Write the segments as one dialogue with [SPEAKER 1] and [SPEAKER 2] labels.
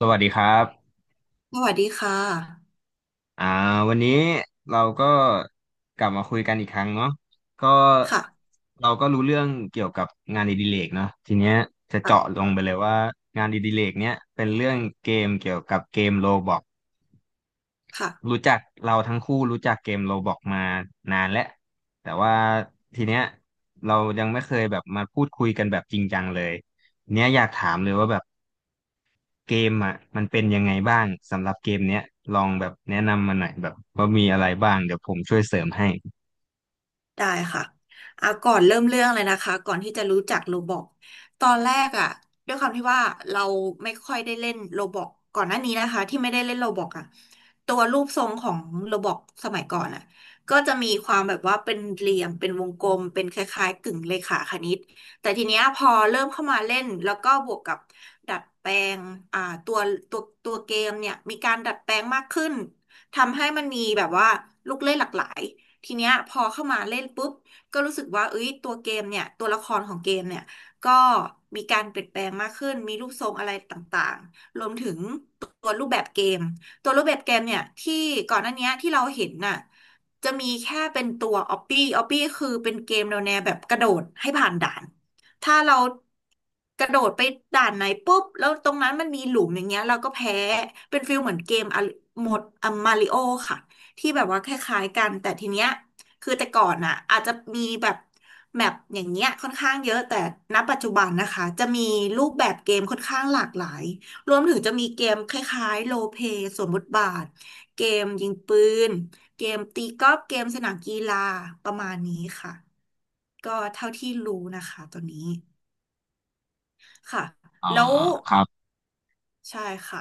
[SPEAKER 1] สวัสดีครับ
[SPEAKER 2] สวัสดีค่ะ
[SPEAKER 1] อ่าวันนี้เราก็กลับมาคุยกันอีกครั้งเนาะก็
[SPEAKER 2] ค่ะ
[SPEAKER 1] เราก็รู้เรื่องเกี่ยวกับงานอดิเรกเนาะทีเนี้ยจะเจาะ
[SPEAKER 2] ค่ะ
[SPEAKER 1] ลงไปเลยว่างานอดิเรกเนี้ยเป็นเรื่องเกมเกี่ยวกับเกมโรบล็อก
[SPEAKER 2] ค่ะ
[SPEAKER 1] รู้จักเราทั้งคู่รู้จักเกมโรบล็อกมานานแล้วแต่ว่าทีเนี้ยเรายังไม่เคยแบบมาพูดคุยกันแบบจริงจังเลยเนี้ยอยากถามเลยว่าแบบ เกมอ่ะมันเป็นยังไงบ้างสำหรับเกมเนี้ยลองแบบแนะนำมาหน่อยแบบว่ามีอะไรบ้างเดี๋ยวผมช่วยเสริมให้
[SPEAKER 2] ได้ค่ะอ่ะก่อนเริ่มเรื่องเลยนะคะก่อนที่จะรู้จักโรบล็อกตอนแรกอ่ะด้วยความที่ว่าเราไม่ค่อยได้เล่นโรบล็อกก่อนหน้านี้นะคะที่ไม่ได้เล่นโรบล็อกอ่ะตัวรูปทรงของโรบล็อกสมัยก่อนอ่ะก็จะมีความแบบว่าเป็นเหลี่ยมเป็นวงกลมเป็นคล้ายๆกึ่งเลขาคณิตแต่ทีเนี้ยพอเริ่มเข้ามาเล่นแล้วก็บวกกับดัดแปลงอ่าตัวตัวเกมเนี่ยมีการดัดแปลงมากขึ้นทำให้มันมีแบบว่าลูกเล่นหลากหลาย ทีเนี้ยพอเข้ามาเล่นปุ๊บก็รู้สึกว่าเอ้ยตัวเกมเนี่ยตัวละครของเกมเนี่ยก็มีการเปลี่ยนแปลงมากขึ้นมีรูปทรงอะไรต่างๆรวมถึงตัวรูปแบบเกมตัวรูปแบบเกมเนี่ยที่ก่อนหน้าเนี้ยที่เราเห็นน่ะจะมีแค่เป็นตัวออปปี้ออปปี้คือเป็นเกมแนวแบบกระโดดให้ผ่านด่านถ้าเรากระโดดไปด่านไหนปุ๊บแล้วตรงนั้นมันมีหลุมอย่างเงี้ยเราก็แพ้เป็นฟิลเหมือนเกมอะโหมดอะมาริโอค่ะ ที่แบบว่าคล้ายๆกันแต่ทีเนี้ยคือแต่ก่อนอ่ะอาจจะมีแบบแมปอย่างเงี้ยค่อนข้างเยอะแต่ณปัจจุบันนะคะจะมีรูปแบบเกมค่อนข้างหลากหลายรวมถึงจะมีเกมคล้ายๆโรลเพลย์สวมบทบาทเกมยิงปืนเกมตีกอล์ฟเกมสนามกีฬาประมาณนี้ค่ะก็เท่าที่รู้นะคะตัวนี้ค่ะ
[SPEAKER 1] อ่อ
[SPEAKER 2] แล้ว
[SPEAKER 1] ครับ
[SPEAKER 2] ใช่ค่ะ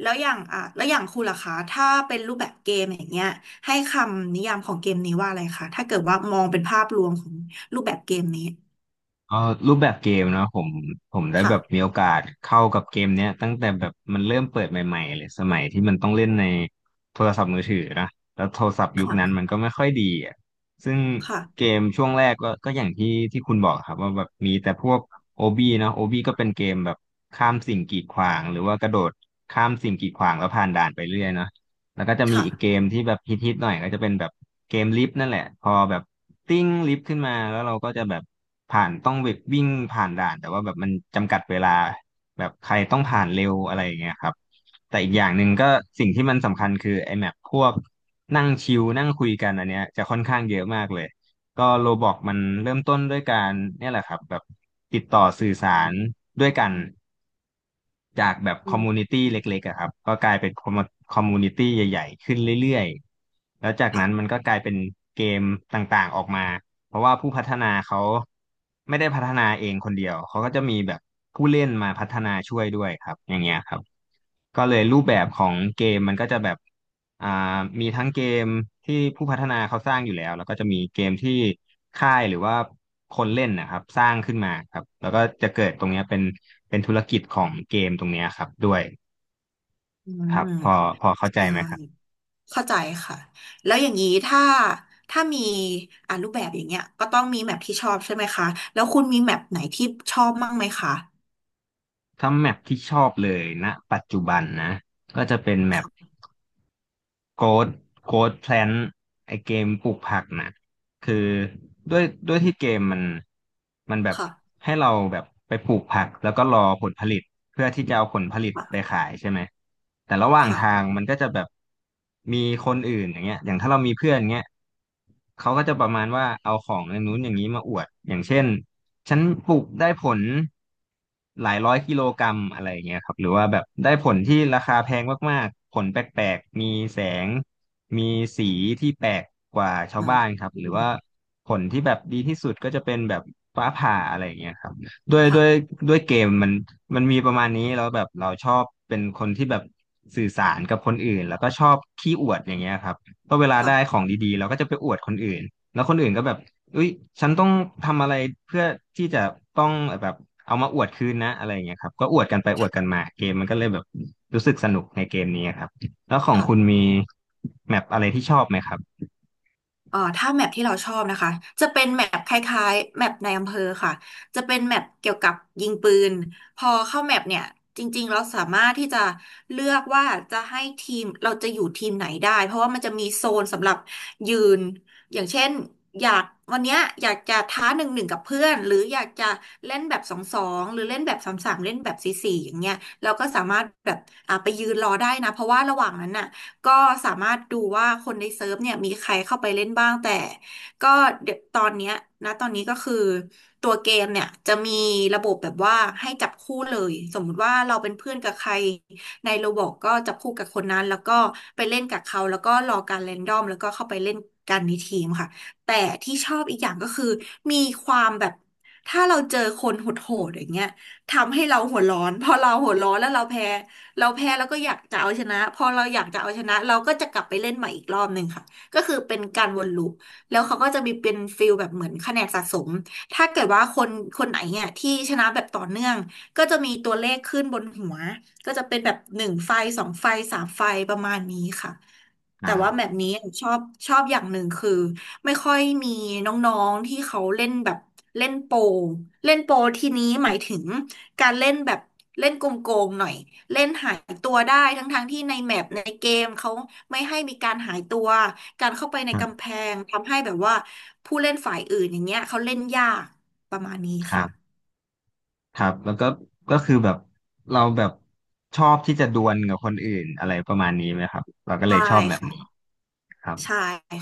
[SPEAKER 2] แล้วอย่างคุณล่ะคะถ้าเป็นรูปแบบเกมอย่างเงี้ยให้คำนิยามของเกมนี้ว่าอะไรคะถ้าเกิดว่ามองเป็นภาพรวมของรูปแบบเกมนี้
[SPEAKER 1] เออรูปแบบเกมเนาะผมได้แบบมี
[SPEAKER 2] ค่ะ
[SPEAKER 1] โอกาสเข้ากับเกมเนี้ยตั้งแต่แบบมันเริ่มเปิดใหม่ๆเลยสมัยที่มันต้องเล่นในโทรศัพท์มือถือนะแล้วโทรศัพท์ยุคนั้น
[SPEAKER 2] ค่ะ
[SPEAKER 1] มันก็ไม่ค่อยดีอ่ะซึ่งเก
[SPEAKER 2] ค่ะ
[SPEAKER 1] มช่วงแรกก็อย่างที่คุณบอกครับว่าแบบมีแต่พวกโอบีเนาะโอบีก็เป็นเกมแบบข้ามสิ่งกีดขวางหรือว่ากระโดดข้ามสิ่งกีดขวางแล้วผ่านด่านไปเรื่อยเนาะ แล้วก็จะมี
[SPEAKER 2] ค่ะ
[SPEAKER 1] อีกเกมที่แบบฮิตๆหน่อยก็จะเป็นแบบเกมลิฟต์นั่นแหละพอแบบติ้งลิฟต์ขึ้นมาแล้วเราก็จะแบบผ่านต้องแบบวิ่งผ่านด่านแต่ว่าแบบมันจำกัดเวลาแบบใครต้องผ่านเร็วอะไรอย่างเงี้ยครับแต่อีกอย่างหนึ่งก็สิ่งที่มันสำคัญคือไอ้แมปพวกนั่งชิลนั่งคุยกันอันเนี้ยจะค่อนข้างเยอะมากเลยก็โรบอกมันเริ่มต้นด้วยการเนี่ยแหละครับแบบติดต่อสื่อสารด้วยกัน จากแบบ
[SPEAKER 2] อื
[SPEAKER 1] คอม
[SPEAKER 2] ม
[SPEAKER 1] มูนิตี้เล็กๆอะครับก็กลายเป็นคอมมูนิตี้ใหญ่ๆขึ้นเรื่อยๆแล้วจาก
[SPEAKER 2] ค่ะ
[SPEAKER 1] นั้นมันก็กลายเป็นเกมต่างๆออกมาเพราะว่าผู้พัฒนาเขาไม่ได้พัฒนาเองคนเดียวเขาก็จะมีแบบผู้เล่นมาพัฒนาช่วยด้วยครับอย่างเงี้ยครับ ก็เลยรูปแบบของเกมมันก็จะแบบอ่ามีทั้งเกมที่ผู้พัฒนาเขาสร้างอยู่แล้วแล้วก็จะมีเกมที่ค่ายหรือว่าคนเล่นนะครับสร้างขึ้นมาครับแล้วก็จะเกิดตรงเนี้ยเป็นเป็นธุรกิจของเกมตรงเนี้ยครับด้วย
[SPEAKER 2] อื
[SPEAKER 1] ครั
[SPEAKER 2] ม
[SPEAKER 1] บพอเข้าใจ
[SPEAKER 2] ใช่
[SPEAKER 1] ไหมครับ
[SPEAKER 2] เข้าใจค่ะแล้วอย่างนี้ถ้ามีอ่ารูปแบบอย่างเงี้ยก็ต้องมีแมปที่ชอบใช่ไหมคะแล้วคุณมีแมปไหนที่ชอบมั่งไหมคะ
[SPEAKER 1] ถ้าแมปที่ชอบเลยณปัจจุบันนะก็จะเป็นแมป
[SPEAKER 2] ค่ะ
[SPEAKER 1] โกดโกดแพลนไอเกมปลูกผักนะคือด้วยที่เกมมันมันแบบ
[SPEAKER 2] ค่ะ
[SPEAKER 1] ให้เราแบบไปปลูกผักแล้วก็รอผลผลิต เพื่อที่จะเอาผลผลิตไป
[SPEAKER 2] ค่ะ
[SPEAKER 1] ขายใช่ไหม แต่ระหว่าง
[SPEAKER 2] ค่ะ
[SPEAKER 1] ทางมันก็จะแบบมีคนอื่นอย่างเงี้ยอย่างถ้าเรามีเพื่อนเงี้ยเขาก็จะประมาณว่าเอาของอย่างนู้นอย่างนี้มาอวด อย่างเช่นฉันปลูกได้ผลหลายร้อยกิโลกรัมอะไรอย่างเงี้ยครับหรือว่าแบบได้ผลที่ราคาแพงมากๆผลแปลกๆ มีแสงมีสีที่แปลกกว่าชา
[SPEAKER 2] อื
[SPEAKER 1] ว
[SPEAKER 2] ม
[SPEAKER 1] บ้านครับ
[SPEAKER 2] อื
[SPEAKER 1] หรือ
[SPEAKER 2] ม
[SPEAKER 1] ว่าผลที่แบบดีที่สุดก็จะเป็นแบบฟ้าผ่าอะไรอย่างเงี้ยครับ ด้วยด้วย
[SPEAKER 2] ค่ะ
[SPEAKER 1] ด้วยเกมมันมันมีประมาณนี้แล้วแบบเราชอบเป็นคนที่แบบสื่อสารกับคนอื่นแล้วก็ชอบขี้อวดอย่างเงี้ยครับเพราะเวลา
[SPEAKER 2] ค่ะ
[SPEAKER 1] ได้ของดีๆเราก็จะไปอวดคนอื่นแล้วคนอื่นก็แบบเอ้ยฉันต้องทำอะไรเพื่อที่จะต้องแบบเอามาอวดคืนนะอะไรอย่างเงี้ยครับก็อวดกันไปอวดกันมาเกมมันก็เลยแบบรู้สึกสนุกในเกมนี้ครับแล้วของคุณ
[SPEAKER 2] ค่ะ
[SPEAKER 1] มีแมปอะไรที่ชอบไหมครับ
[SPEAKER 2] ถ้าแมปที่เราชอบนะคะจะเป็นแมปคล้ายๆแมปในอำเภอค่ะจะเป็นแมปเกี่ยวกับยิงปืนพอเข้าแมปเนี่ยจริงๆเราสามารถที่จะเลือกว่าจะให้ทีมเราจะอยู่ทีมไหนได้เพราะว่ามันจะมีโซนสำหรับยืนอย่างเช่นอยากวันเนี้ยอยากจะท้าหนึ่งหนึ่งกับเพื่อนหรืออยากจะเล่นแบบสองสองหรือเล่นแบบสามสามเล่นแบบสี่สี่อย่างเงี้ยเราก็สามารถแบบอ่ะไปยืนรอได้นะเพราะว่าระหว่างนั้นน่ะ ก็สามารถดูว่าคนในเซิร์ฟเนี่ยมีใครเข้าไปเล่นบ้างแต่ก็เดี๋ยวตอนเนี้ยนะตอนนี้ก็คือตัวเกมเนี่ยจะมีระบบแบบว่าให้จับคู่เลยสมมุติว่าเราเป็นเพื่อนกับใครในโรบอทก็จับคู่กับคนนั้นแล้วก็ไปเล่นกับเขาแล้วก็รอการแรนดอมแล้วก็เข้าไปเล่นกันในทีมค่ะแต่ที่ชอบอีกอย่างก็คือมีความแบบถ้าเราเจอคนโหดๆอย่างเงี้ยทำให้เราหัวร้อนพอเราหัวร้อนแล้วเราแพ้ เราแพ้แล้วก็อยากจะเอาชนะพอเราอยากจะเอาชนะเราก็จะกลับไปเล่นใหม่อีกรอบหนึ่งค่ะก็คือเป็นการวนลูปแล้วเขาก็จะมีเป็นฟิลแบบเหมือนคะแนนสะสมถ้าเกิดว่าคนคนไหนเนี่ยที่ชนะแบบต่อเนื่องก็จะมีตัวเลขขึ้นบนหัวก็จะเป็นแบบหนึ่งไฟสองไฟสามไฟประมาณนี้ค่ะ
[SPEAKER 1] ค
[SPEAKER 2] แต่
[SPEAKER 1] รั
[SPEAKER 2] ว่า
[SPEAKER 1] บ
[SPEAKER 2] แบบนี้ชอบชอบอย่างหนึ่งคือไม่ค่อยมีน้องๆที่เขาเล่นแบบเล่นโปรเล่นโปรทีนี้หมายถึง การเล่นแบบเล่นโกงๆหน่อยเล่นหายตัวได้ทั้งๆที่ในแมปในเกมเขาไม่ให้มีการหายตัวการเข้าไปใน
[SPEAKER 1] ครั
[SPEAKER 2] กำ
[SPEAKER 1] บ
[SPEAKER 2] แพงทำให้แบบว่าผู้เล่นฝ่ายอื่นอย่างเงี้ยเขาเล่นยากประมาณนี้
[SPEAKER 1] ครับ
[SPEAKER 2] ค่ะ
[SPEAKER 1] ครับแล้วก็ก็คือแบบเราแบบชอบที่จะดวลกับคนอื่นอะไรประมาณนี้ไหมครับเราก็เล
[SPEAKER 2] ใช่
[SPEAKER 1] ยชอบแบบนี้
[SPEAKER 2] ค่ะ
[SPEAKER 1] ครับ
[SPEAKER 2] ใช่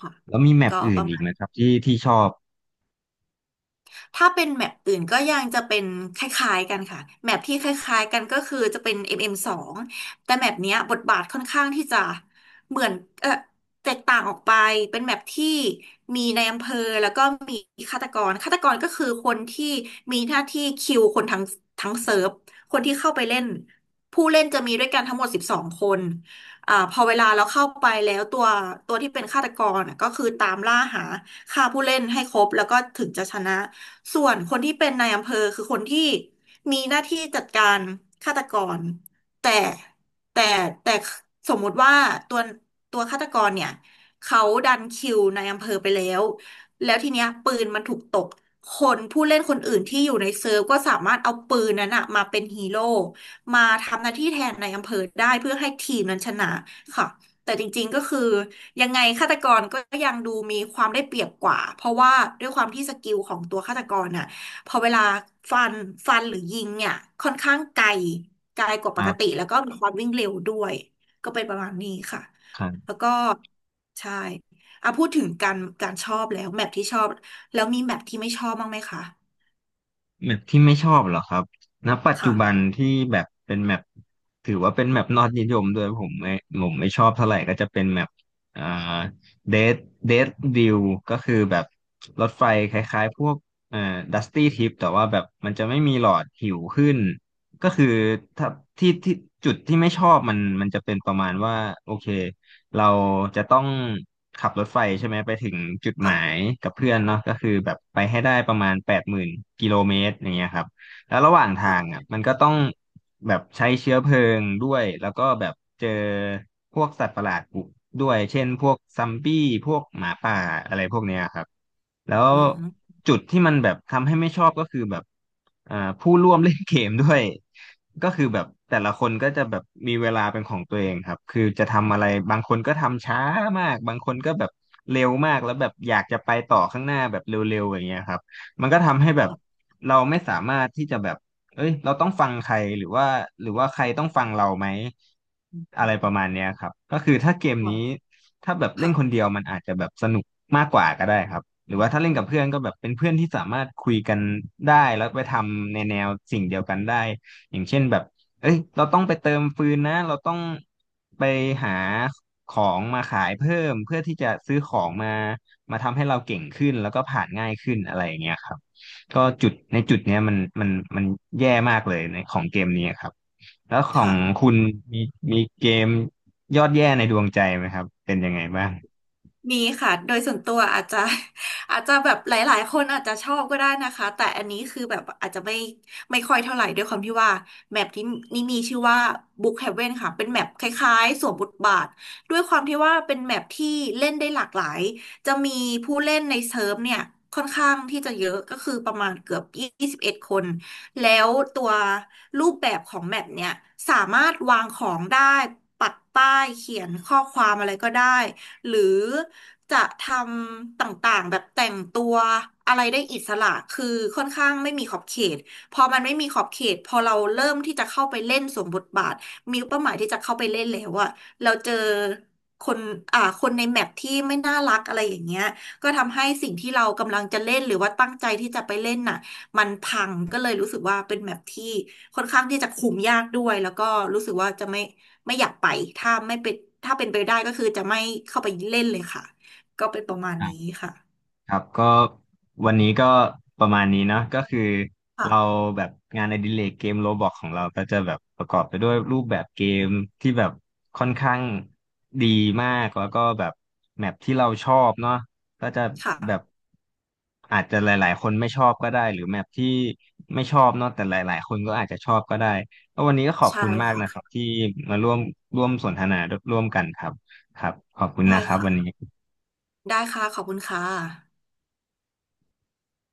[SPEAKER 2] ค่ะ
[SPEAKER 1] แล้วมีแมป
[SPEAKER 2] ก็ป
[SPEAKER 1] อื่น
[SPEAKER 2] ระ
[SPEAKER 1] อี
[SPEAKER 2] มา
[SPEAKER 1] ก
[SPEAKER 2] ณ
[SPEAKER 1] ไหมครับที่ชอบ
[SPEAKER 2] ถ้าเป็นแมปอื่นก็ยังจะเป็นคล้ายๆกันค่ะแมปที่คล้ายๆกันก็คือจะเป็น m m งแต่แมปเนี้ยบทบาทค่อนข้างที่จะเหมือนเออแตกต่างออกไปเป็นแมปที่มีในายอำเภอแล้วก็มีฆาตกรฆาตกรก็คือคนที่มีหน้าที่คิวคนทั้งเซิร์ฟคนที่เข้าไปเล่นผู้เล่นจะมีด้วยกันทั้งหมด12คนอ่าพอเวลาเราเข้าไปแล้วตัวที่เป็นฆาตกรน่ะก็คือตามล่าหาฆ่าผู้เล่นให้ครบแล้วก็ถึงจะชนะ ส่วนคนที่เป็นนายอำเภอคือคนที่มีหน้าที่จัดการฆาตกรแต่แต่แต่สมมุติว่าตัวตัวฆาตกรเนี่ยเขาดันคิวนายอำเภอไปแล้วแล้วทีเนี้ยปืนมันถูกตกคนผู้เล่นคนอื่นที่อยู่ในเซิร์ฟก็สามารถเอาปืนนั้นอะมาเป็นฮีโร่มาทำหน้าที่แทนนายอำเภอได้เพื่อให้ทีมนั้นชนะค่ะแต่จริงๆก็คือ ยังไงฆาตกรก็ยังดูมีความได้เปรียบกว่าเพราะว่าด้วยความที่สกิลของตัวฆาตกรน่ะพอเวลาฟันฟันหรือยิงเนี่ยค่อนข้างไกลไกลกว่า
[SPEAKER 1] ค
[SPEAKER 2] ป
[SPEAKER 1] รั
[SPEAKER 2] กติ
[SPEAKER 1] บ
[SPEAKER 2] แล้วก็มีความวิ่งเร็วด้วยก็เป็นประมาณนี้ค่ะแล้วก็ใช่อ่ะพูดถึงการชอบแล้วแมปที่ชอบแล้วมีแมปที่ไม่ชอบบ้างไหมคะ
[SPEAKER 1] แมปที่ไม่ชอบเหรอครับณปัจจุบัน
[SPEAKER 2] ค่ะ
[SPEAKER 1] ที่แบบเป็นแมปถือว่าเป็นแมปนอดนิยมด้วยผมไม่ชอบเท่าไหร่ก็จะเป็นแมปอ่าเดดเดดดิวก็คือแบบรถไฟคล้ายๆพวกเอ่อดัสตี้ทริปแต่ว่าแบบมันจะไม่มีหลอดหิวขึ้นก็คือถ้าที่จุดที่ไม่ชอบมันมันจะเป็นประมาณว่าโอเค เราจะต้องขับรถไฟใช่ไหมไปถึงจุดหมาย
[SPEAKER 2] ค่ะ
[SPEAKER 1] กับเพื่อนเนาะก็คือแบบไปให้ได้ประมาณ80,000กิโลเมตรอย่างเงี้ยครับแล้วระหว่างทา
[SPEAKER 2] ค่ะ
[SPEAKER 1] งอ่ะมันก็ต้อง แบบใช้เชื้อเพลิงด้วยแล้วก็แบบเจอพวกสัตว์ประหลาดบุกด้วยเช่นพวกซัมบี้พวกหมาป่าอะไรพวกเนี้ยครับแล้ว
[SPEAKER 2] อืม
[SPEAKER 1] จุดที่มันแบบทำให้ไม่ชอบก็คือแบบผู้ร่วมเล่นเกมด้วยก็คือแบบแต่ละคนก็จะแบบมีเวลาเป็นของตัวเองครับคือจะทำอะไรบางคนก็ทำช้ามากบางคนก็แบบเร็วมากแล้วแบบอยากจะไปต่อข้างหน้าแบบเร็วๆอย่างเงี้ยครับมันก็ทำให้แบบเราไม่สามารถที่จะแบบ เอ้ยเราต้องฟังใครหรือว่าใครต้องฟังเราไหม
[SPEAKER 2] อืม
[SPEAKER 1] อะไรป
[SPEAKER 2] อื
[SPEAKER 1] ระ
[SPEAKER 2] ม
[SPEAKER 1] มาณเนี้ยครับก็คือถ้าเกมนี้ถ้าแบบเล่
[SPEAKER 2] ค่ะ
[SPEAKER 1] นคนเดียวมันอาจจะแบบสนุกมากกว่าก็ได้ครับ
[SPEAKER 2] อ
[SPEAKER 1] หรือว่าถ้าเล่
[SPEAKER 2] ื
[SPEAKER 1] นกั
[SPEAKER 2] ม
[SPEAKER 1] บเพื่อนก็แบบเป็นเพื่อนที่สามารถคุยกันได้แล้วไปทำในแนวสิ่งเดียวกันได้อย่างเช่นแบบเอ้ยเราต้องไปเติมฟืนนะเราต้องไปหาของมาขายเพิ่มเพื่อที่จะซื้อของมาทำให้เราเก่งขึ้นแล้วก็ผ่านง่ายขึ้นอะไรอย่างเงี้ยครับ ก็จุดในจุดเนี้ยมันแย่มากเลยในของเกมนี้ครับแล้วของ
[SPEAKER 2] ค่ะ
[SPEAKER 1] คุณมีมีเกมยอดแย่ในดวงใจไหมครับเป็นยังไงบ้าง
[SPEAKER 2] มีค่ะ โดยส่วนตัวอาจจะ อาจจะแบบหลายๆคนอาจจะชอบก็ได้นะคะ แต่อันนี้คือแบบอาจจะไม่ค่อยเท่าไหร่ด้วยความที่ว่าแมปที่นี่มีชื่อว่า Book Heaven ค่ะ เป็นแมปคล้ายๆสวมบทบาทด้วยความที่ว่าเป็นแมปที่เล่นได้หลากหลาย จะมีผู้เล่นในเซิร์ฟเนี่ยค่อนข้างที่จะเยอะก็คือประมาณเกือบ21คน แล้วตัวรูปแบบของแมปเนี่ยสามารถวางของได้ปักป้ายเขียนข้อความอะไรก็ได้หรือ จะทำต่างๆแบบแต่งตัวอะไรได้อิสระคือค่อนข้างไม่มีขอบเขตพอมันไม่มีขอบเขตพอเราเริ่มที่จะเข้าไปเล่นสวมบทบาทมีเป้าหมายที่จะเข้าไปเล่นแล้วอะเราเจอคนคนในแมปที่ไม่น่ารักอะไรอย่างเงี้ยก็ทำให้สิ่งที่เรากำลังจะเล่นหรือว่าตั้งใจที่จะไปเล่นน่ะมันพังก็เลยรู้สึกว่าเป็นแมปที่ค่อนข้างที่จะคุมยากด้วยแล้วก็รู้สึกว่าจะไม่อยากไปถ้าไม่เป็นถ้าเป็นไปได้ก็คือจะไม่เข้าไปเล่นเลยค่ะ ก็เป็นประมาณนี้ค่ะ
[SPEAKER 1] ครับก็วันนี้ก็ประมาณนี้เนาะก็คือเรา
[SPEAKER 2] ค่ะ
[SPEAKER 1] แบบงานอดิเรกเกมโรบล็อกของเราก็จะแบบประกอบไปด้วยรูปแบบเกมที่แบบค่อนข้างดีมากแล้วก็แบบแมปที่เราชอบเนาะก็จะแบบ
[SPEAKER 2] ค่ะ
[SPEAKER 1] อาจจะหลายๆคนไม่ชอบก็ได้หรือแมปที่ไม่ชอบเนาะแต่หลายๆคนก็อาจจะชอบก็ได้แล้ววันนี้ก็ขอบ
[SPEAKER 2] ใช่
[SPEAKER 1] คุณมาก
[SPEAKER 2] ค่ะ
[SPEAKER 1] นะครับที่มาร่วมสนทนาร่วมกันครับครับขอบคุณ
[SPEAKER 2] ได้
[SPEAKER 1] นะครับวันนี้
[SPEAKER 2] ค่ะ ได้ค่ะขอบคุณค่ะ